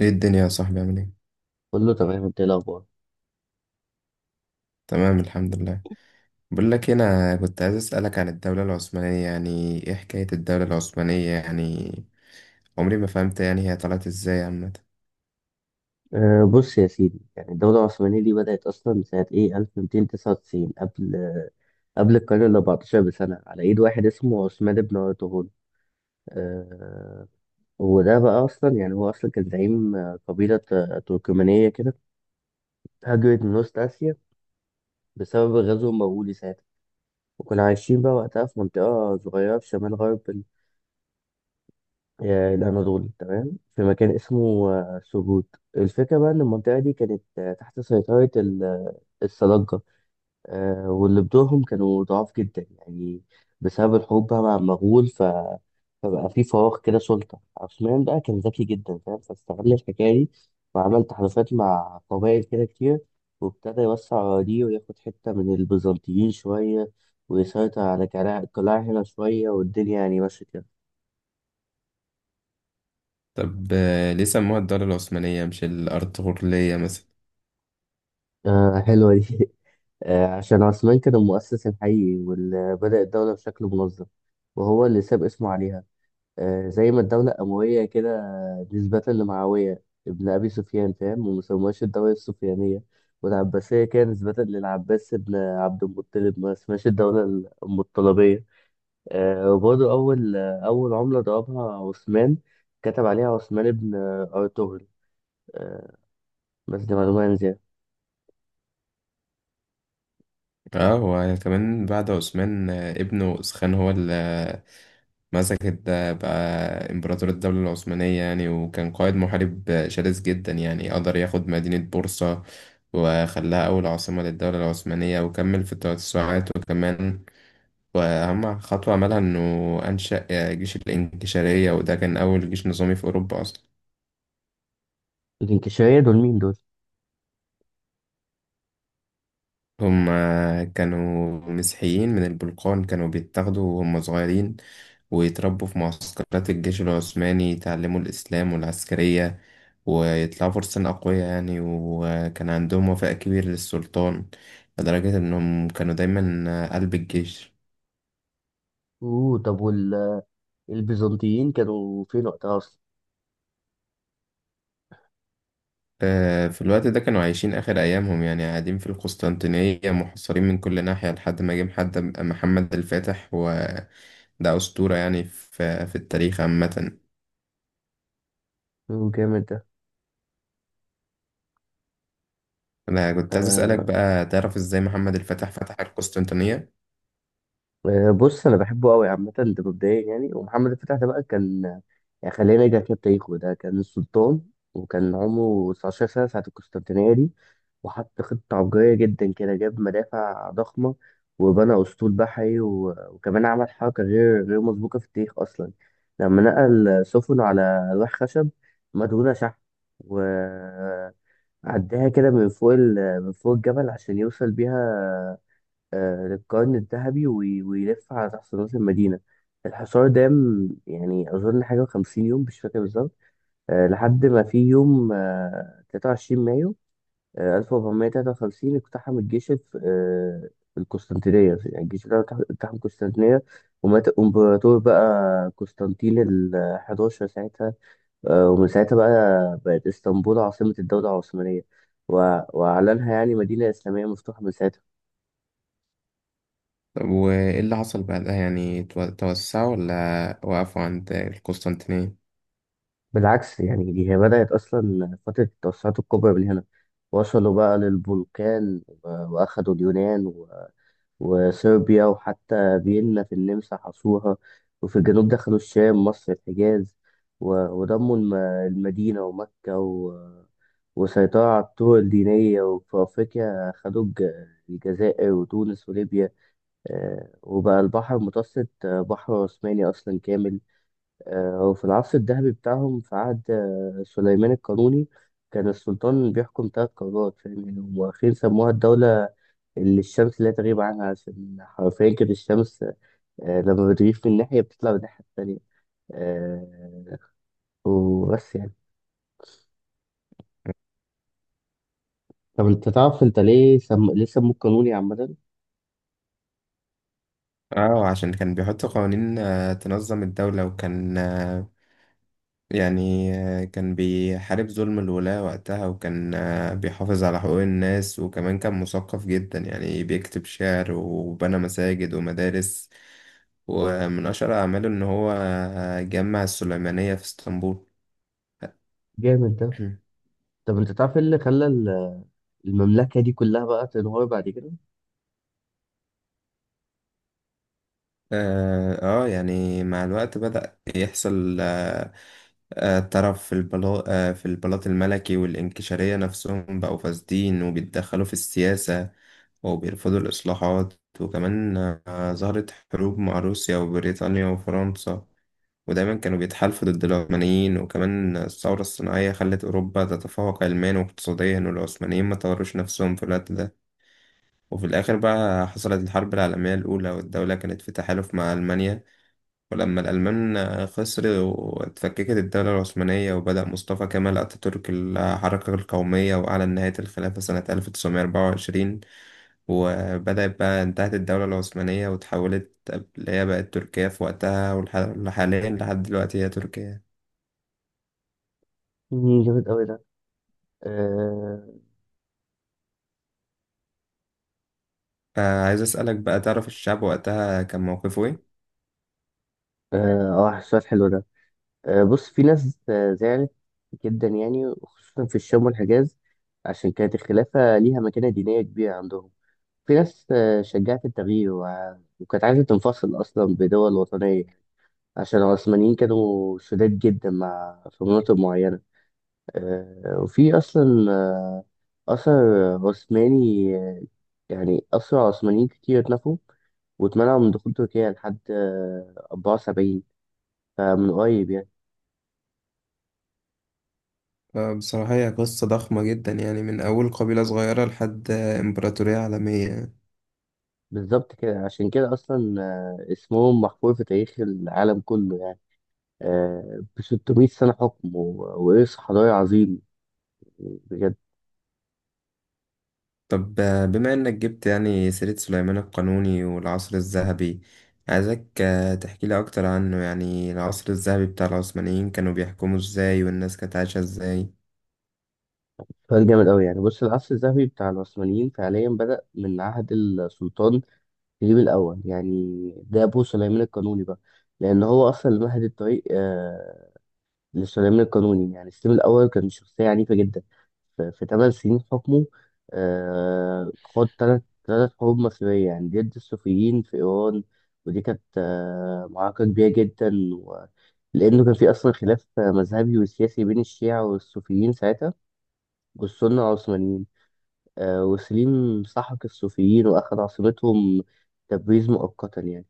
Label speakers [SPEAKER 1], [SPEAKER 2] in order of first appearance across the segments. [SPEAKER 1] ايه الدنيا يا صاحبي عامل ايه؟
[SPEAKER 2] كله تمام، انت ايه الاخبار؟
[SPEAKER 1] تمام الحمد لله. بقول لك إيه، انا كنت عايز اسالك عن الدوله العثمانيه، يعني ايه حكايه الدوله العثمانيه يعني؟ عمري ما فهمت، يعني هي طلعت ازاي عامه؟
[SPEAKER 2] بص يا سيدي، يعني الدولة العثمانية دي بدأت أصلا سنة إيه 1299، قبل القرن ال 14 بسنة، على إيد واحد اسمه عثمان بن أرطغرل. أه وده بقى أصلا، يعني هو أصلا كان زعيم قبيلة تركمانية كده، هاجرت من وسط آسيا بسبب غزو مغولي ساعتها. وكانوا عايشين بقى وقتها في منطقة صغيرة في شمال غرب الأناضول. تمام، في مكان اسمه سوجوت. الفكرة بقى إن المنطقة دي كانت تحت سيطرة السلاجقة، واللي بدورهم كانوا ضعاف جدا يعني، بسبب الحروب بقى مع المغول. فبقى في فراغ كده سلطة. عثمان بقى كان ذكي جدا، فاهم، فاستغل الحكاية دي وعمل تحالفات مع قبائل كده كتير، وابتدى يوسع أراضيه وياخد حتة من البيزنطيين شوية، ويسيطر على قلاع هنا شوية، والدنيا يعني ماشية كده.
[SPEAKER 1] طب ليه سموها الدوله العثمانيه مش الارطغرليه مثلا؟
[SPEAKER 2] آه، حلوة دي عشان عثمان كان المؤسس الحقيقي واللي بدأ الدولة بشكل منظم، وهو اللي ساب اسمه عليها. زي ما الدولة أموية كده، نسبة لمعاوية ابن أبي سفيان، فاهم؟ وما سموهاش الدولة السفيانية. والعباسية كده نسبة للعباس ابن عبد المطلب، ما اسمهاش الدولة المطلبية. وبرضه أول عملة ضربها عثمان كتب عليها عثمان ابن أرطغرل. آه، بس دي معلومة عن زيادة.
[SPEAKER 1] اه وكمان بعد عثمان، ابنه اسخان هو مسكت ده بقى إمبراطور الدولة العثمانية يعني، وكان قائد محارب شرس جدا، يعني قدر ياخد مدينة بورصة وخلاها أول عاصمة للدولة العثمانية، وكمل في التوسعات وكمان. وأهم خطوة عملها إنه أنشأ جيش الإنكشارية، وده كان أول جيش نظامي في أوروبا أصلا.
[SPEAKER 2] الإنكشارية دول مين دول؟
[SPEAKER 1] هم كانوا مسيحيين من البلقان، كانوا بيتاخدوا وهم صغيرين ويتربوا في معسكرات الجيش العثماني، يتعلموا الإسلام والعسكرية ويطلعوا فرسان أقوياء يعني، وكان عندهم وفاء كبير للسلطان لدرجة إنهم كانوا دايما قلب الجيش.
[SPEAKER 2] أوه، طب البيزنطيين كانوا فين وقتها اصلا؟
[SPEAKER 1] في الوقت ده كانوا عايشين آخر أيامهم، يعني قاعدين في القسطنطينية محاصرين من كل ناحية لحد ما جه محمد الفاتح، وده أسطورة يعني في التاريخ عامة.
[SPEAKER 2] مم، جامد ده.
[SPEAKER 1] انا كنت عايز اسالك
[SPEAKER 2] آه
[SPEAKER 1] بقى، تعرف ازاي محمد الفاتح فتح القسطنطينيه؟
[SPEAKER 2] بص انا بحبه قوي عامه ده، مبدئيا يعني. ومحمد الفتح ده بقى كان، يعني خلينا نرجع كده بتاريخه، ده كان السلطان وكان عمره 19 سنه ساعه القسطنطينيه دي، وحط خطه عبقريه جدا كده، جاب مدافع ضخمه وبنى اسطول بحري، وكمان عمل حركه غير مسبوقه في التاريخ اصلا، لما نقل سفنه على لوح خشب مدهونه شحن، و... عداها كده من فوق الجبل عشان يوصل بيها للقرن الذهبي ويلف على تحت رأس المدينة. الحصار ده يعني أظن حاجة وخمسين يوم، مش فاكر بالظبط. لحد ما في يوم تلاتة وعشرين مايو ألف وأربعمية تلاتة وخمسين، اقتحم الجيش القسطنطينية. يعني الجيش ده اقتحم القسطنطينية، ومات الإمبراطور بقى قسطنطين الحداشر ساعتها. ومن ساعتها بقى بقت اسطنبول عاصمة الدولة العثمانية، وأعلنها يعني مدينة إسلامية مفتوحة من ساعتها.
[SPEAKER 1] وايه اللي حصل بعدها، يعني توسعوا ولا وقفوا عند القسطنطينيه؟
[SPEAKER 2] بالعكس، يعني دي هي بدأت أصلا فترة التوسعات الكبرى من هنا. وصلوا بقى للبلقان، وأخدوا اليونان، وصربيا، وحتى فيينا في النمسا حصوها. وفي الجنوب دخلوا الشام مصر الحجاز، ودموا المدينة ومكة، وسيطروا على الطرق الدينية. وفي أفريقيا خدوا الجزائر وتونس وليبيا. وبقى البحر المتوسط بحر عثماني أصلا كامل. وفي العصر الذهبي بتاعهم، في عهد سليمان القانوني، كان السلطان بيحكم تلات قارات، فاهم يعني؟ هم أخيرا سموها الدولة اللي الشمس لا تغيب عنها، عشان حرفيا كانت الشمس لما بتغيب من ناحية بتطلع من الناحية التانية. آه، وبس يعني. طب انت تعرف انت ليه ليه سموه قانوني عامة؟
[SPEAKER 1] اه عشان كان بيحط قوانين تنظم الدوله، وكان كان بيحارب ظلم الولاة وقتها، وكان بيحافظ على حقوق الناس، وكمان كان مثقف جدا يعني، بيكتب شعر وبنى مساجد ومدارس. ومن أشهر أعماله إن هو جمع السليمانية في اسطنبول.
[SPEAKER 2] جامد ده. طب انت تعرف ايه اللي خلى المملكة دي كلها بقى تنهار بعد كده؟
[SPEAKER 1] اه يعني مع الوقت بدأ يحصل طرف في البلاط في البلاط الملكي، والإنكشارية نفسهم بقوا فاسدين وبيتدخلوا في السياسة وبيرفضوا الإصلاحات. وكمان ظهرت حروب مع روسيا وبريطانيا وفرنسا، ودايما كانوا بيتحالفوا ضد العثمانيين. وكمان الثورة الصناعية خلت أوروبا تتفوق علميا واقتصاديا، والعثمانيين ما طوروش نفسهم في الوقت ده. وفي الآخر بقى حصلت الحرب العالمية الأولى، والدولة كانت في تحالف مع ألمانيا، ولما الألمان خسر واتفككت الدولة العثمانية، وبدأ مصطفى كمال أتاتورك الحركة القومية، وأعلن نهاية الخلافة سنة 1924. وبدأت بقى انتهت الدولة العثمانية وتحولت، اللي هي بقت تركيا في وقتها، وحاليا لحد دلوقتي هي تركيا.
[SPEAKER 2] مم، جامد أوي ده. اه
[SPEAKER 1] فعايز أسألك بقى، تعرف الشعب وقتها كان موقفه إيه؟
[SPEAKER 2] اه السؤال حلو ده. بص، في ناس زعلت جدا يعني، خصوصا في الشام والحجاز، عشان كانت الخلافة ليها مكانة دينية كبيرة عندهم. في ناس شجعت التغيير، وكانت عايزة تنفصل أصلا بدول وطنية، عشان العثمانيين كانوا شداد جدا مع في مناطق معينة. وفي أصلا أثر عثماني، يعني أسرى عثمانيين كتير اتنفوا واتمنعوا من دخول تركيا لحد أربعة وسبعين، فمن قريب يعني.
[SPEAKER 1] بصراحة هي قصة ضخمة جدا، يعني من أول قبيلة صغيرة لحد إمبراطورية عالمية.
[SPEAKER 2] بالظبط كده، عشان كده اصلا اسمهم محفور في تاريخ العالم كله يعني. ب 600 سنه حكم، وارث حضاري عظيم، بجد.
[SPEAKER 1] طب بما انك جبت يعني سيرة سليمان القانوني والعصر الذهبي، عايزك تحكي لي اكتر عنه، يعني العصر الذهبي بتاع العثمانيين كانوا بيحكموا ازاي والناس كانت عايشة ازاي؟
[SPEAKER 2] سؤال جامد قوي يعني. بص العصر الذهبي بتاع العثمانيين فعليا بدأ من عهد السلطان سليم الاول يعني، ده ابو سليمان القانوني بقى، لان هو اصلا اللي مهد الطريق للسلام القانوني. يعني السلم الأول كان شخصية عنيفة جدا. في ثمان سنين حكمه، خاض ثلاث حروب مصرية، يعني ضد الصوفيين في إيران. ودي كانت معركة كبيرة جدا. لأنه كان في أصلا خلاف مذهبي وسياسي بين الشيعة والصوفيين ساعتها والسنة العثمانيين. وسليم سحق الصوفيين وأخذ عاصمتهم تبريز مؤقتا يعني.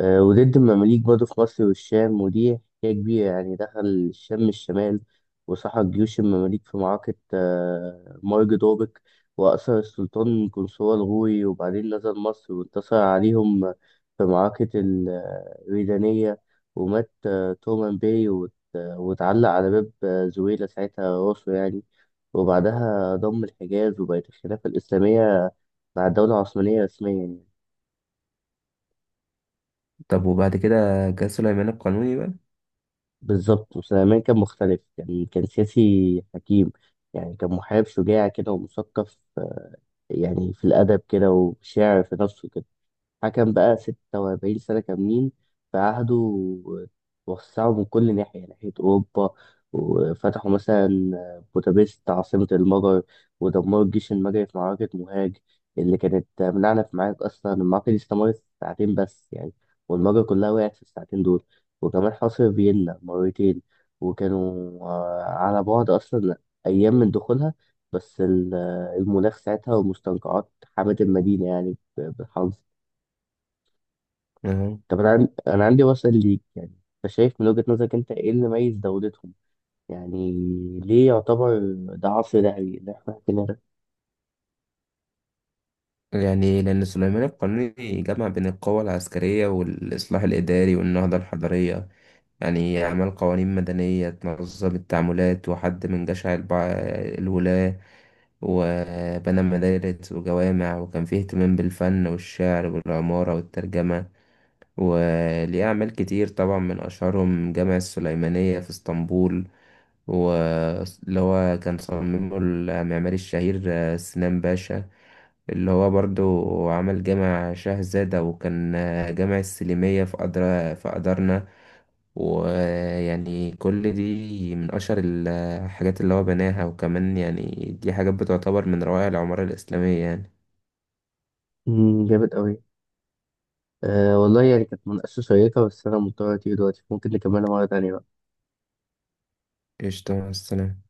[SPEAKER 2] وضد المماليك برضه في مصر والشام، ودي حكاية كبيرة يعني. دخل الشام الشمال وسحق جيوش المماليك في معركة مرج دوبك، وأسر السلطان قنصوة الغوري. وبعدين نزل مصر وانتصر عليهم في معركة الريدانية، ومات تومان باي، واتعلق على باب زويلة ساعتها راسه يعني. وبعدها ضم الحجاز وبقت الخلافة الإسلامية مع الدولة العثمانية رسميا يعني.
[SPEAKER 1] طب وبعد كده جه سليمان القانوني بقى.
[SPEAKER 2] بالظبط. وسليمان كان مختلف، كان سياسي حكيم يعني، كان محارب شجاع كده ومثقف يعني في الأدب كده، وشاعر في نفسه كده. حكم بقى 46 سنة كاملين. في عهده وسعوا من كل ناحية أوروبا، وفتحوا مثلا بودابست عاصمة المجر، ودمروا الجيش المجري في معركة مهاج، اللي كانت منعنا في معارك أصلا. المعركة دي استمرت ساعتين بس يعني، والمجر كلها وقعت في الساعتين دول. وكمان حاصر فيينا مرتين، وكانوا على بعد أصلا أيام من دخولها، بس المناخ ساعتها والمستنقعات حمت المدينة، يعني بالحظ.
[SPEAKER 1] أهو.
[SPEAKER 2] طب انا انا عندي وسائل ليك يعني. انت شايف من وجهة نظرك، انت ايه اللي ميز دولتهم يعني؟ ليه يعتبر ده عصر ذهبي اللي احنا حكينا ده؟
[SPEAKER 1] يعني لأن سليمان القانوني جمع بين القوة العسكرية والإصلاح الإداري والنهضة الحضارية، يعني عمل قوانين مدنية تنظم التعاملات، وحد من جشع الولاة، وبنى مدارس وجوامع، وكان فيه اهتمام بالفن والشعر والعمارة والترجمة. وليه أعمال كتير طبعا، من أشهرهم جامع السليمانية في اسطنبول، واللي هو كان صممه المعماري الشهير سنان باشا، اللي هو برضو عمل جامع شاهزادة، وكان جامع السليمية في أدرا في أدرنا. ويعني كل دي من أشهر الحاجات اللي هو بناها. وكمان يعني دي حاجات بتعتبر من روائع العمارة الإسلامية يعني.
[SPEAKER 2] أمم، جامد قوي. أه والله يعني، كانت مناقشة شيقة، بس انا مضطر اطير دلوقتي. ممكن نكملها مرة تانية بقى
[SPEAKER 1] قشطة، مع السلامة.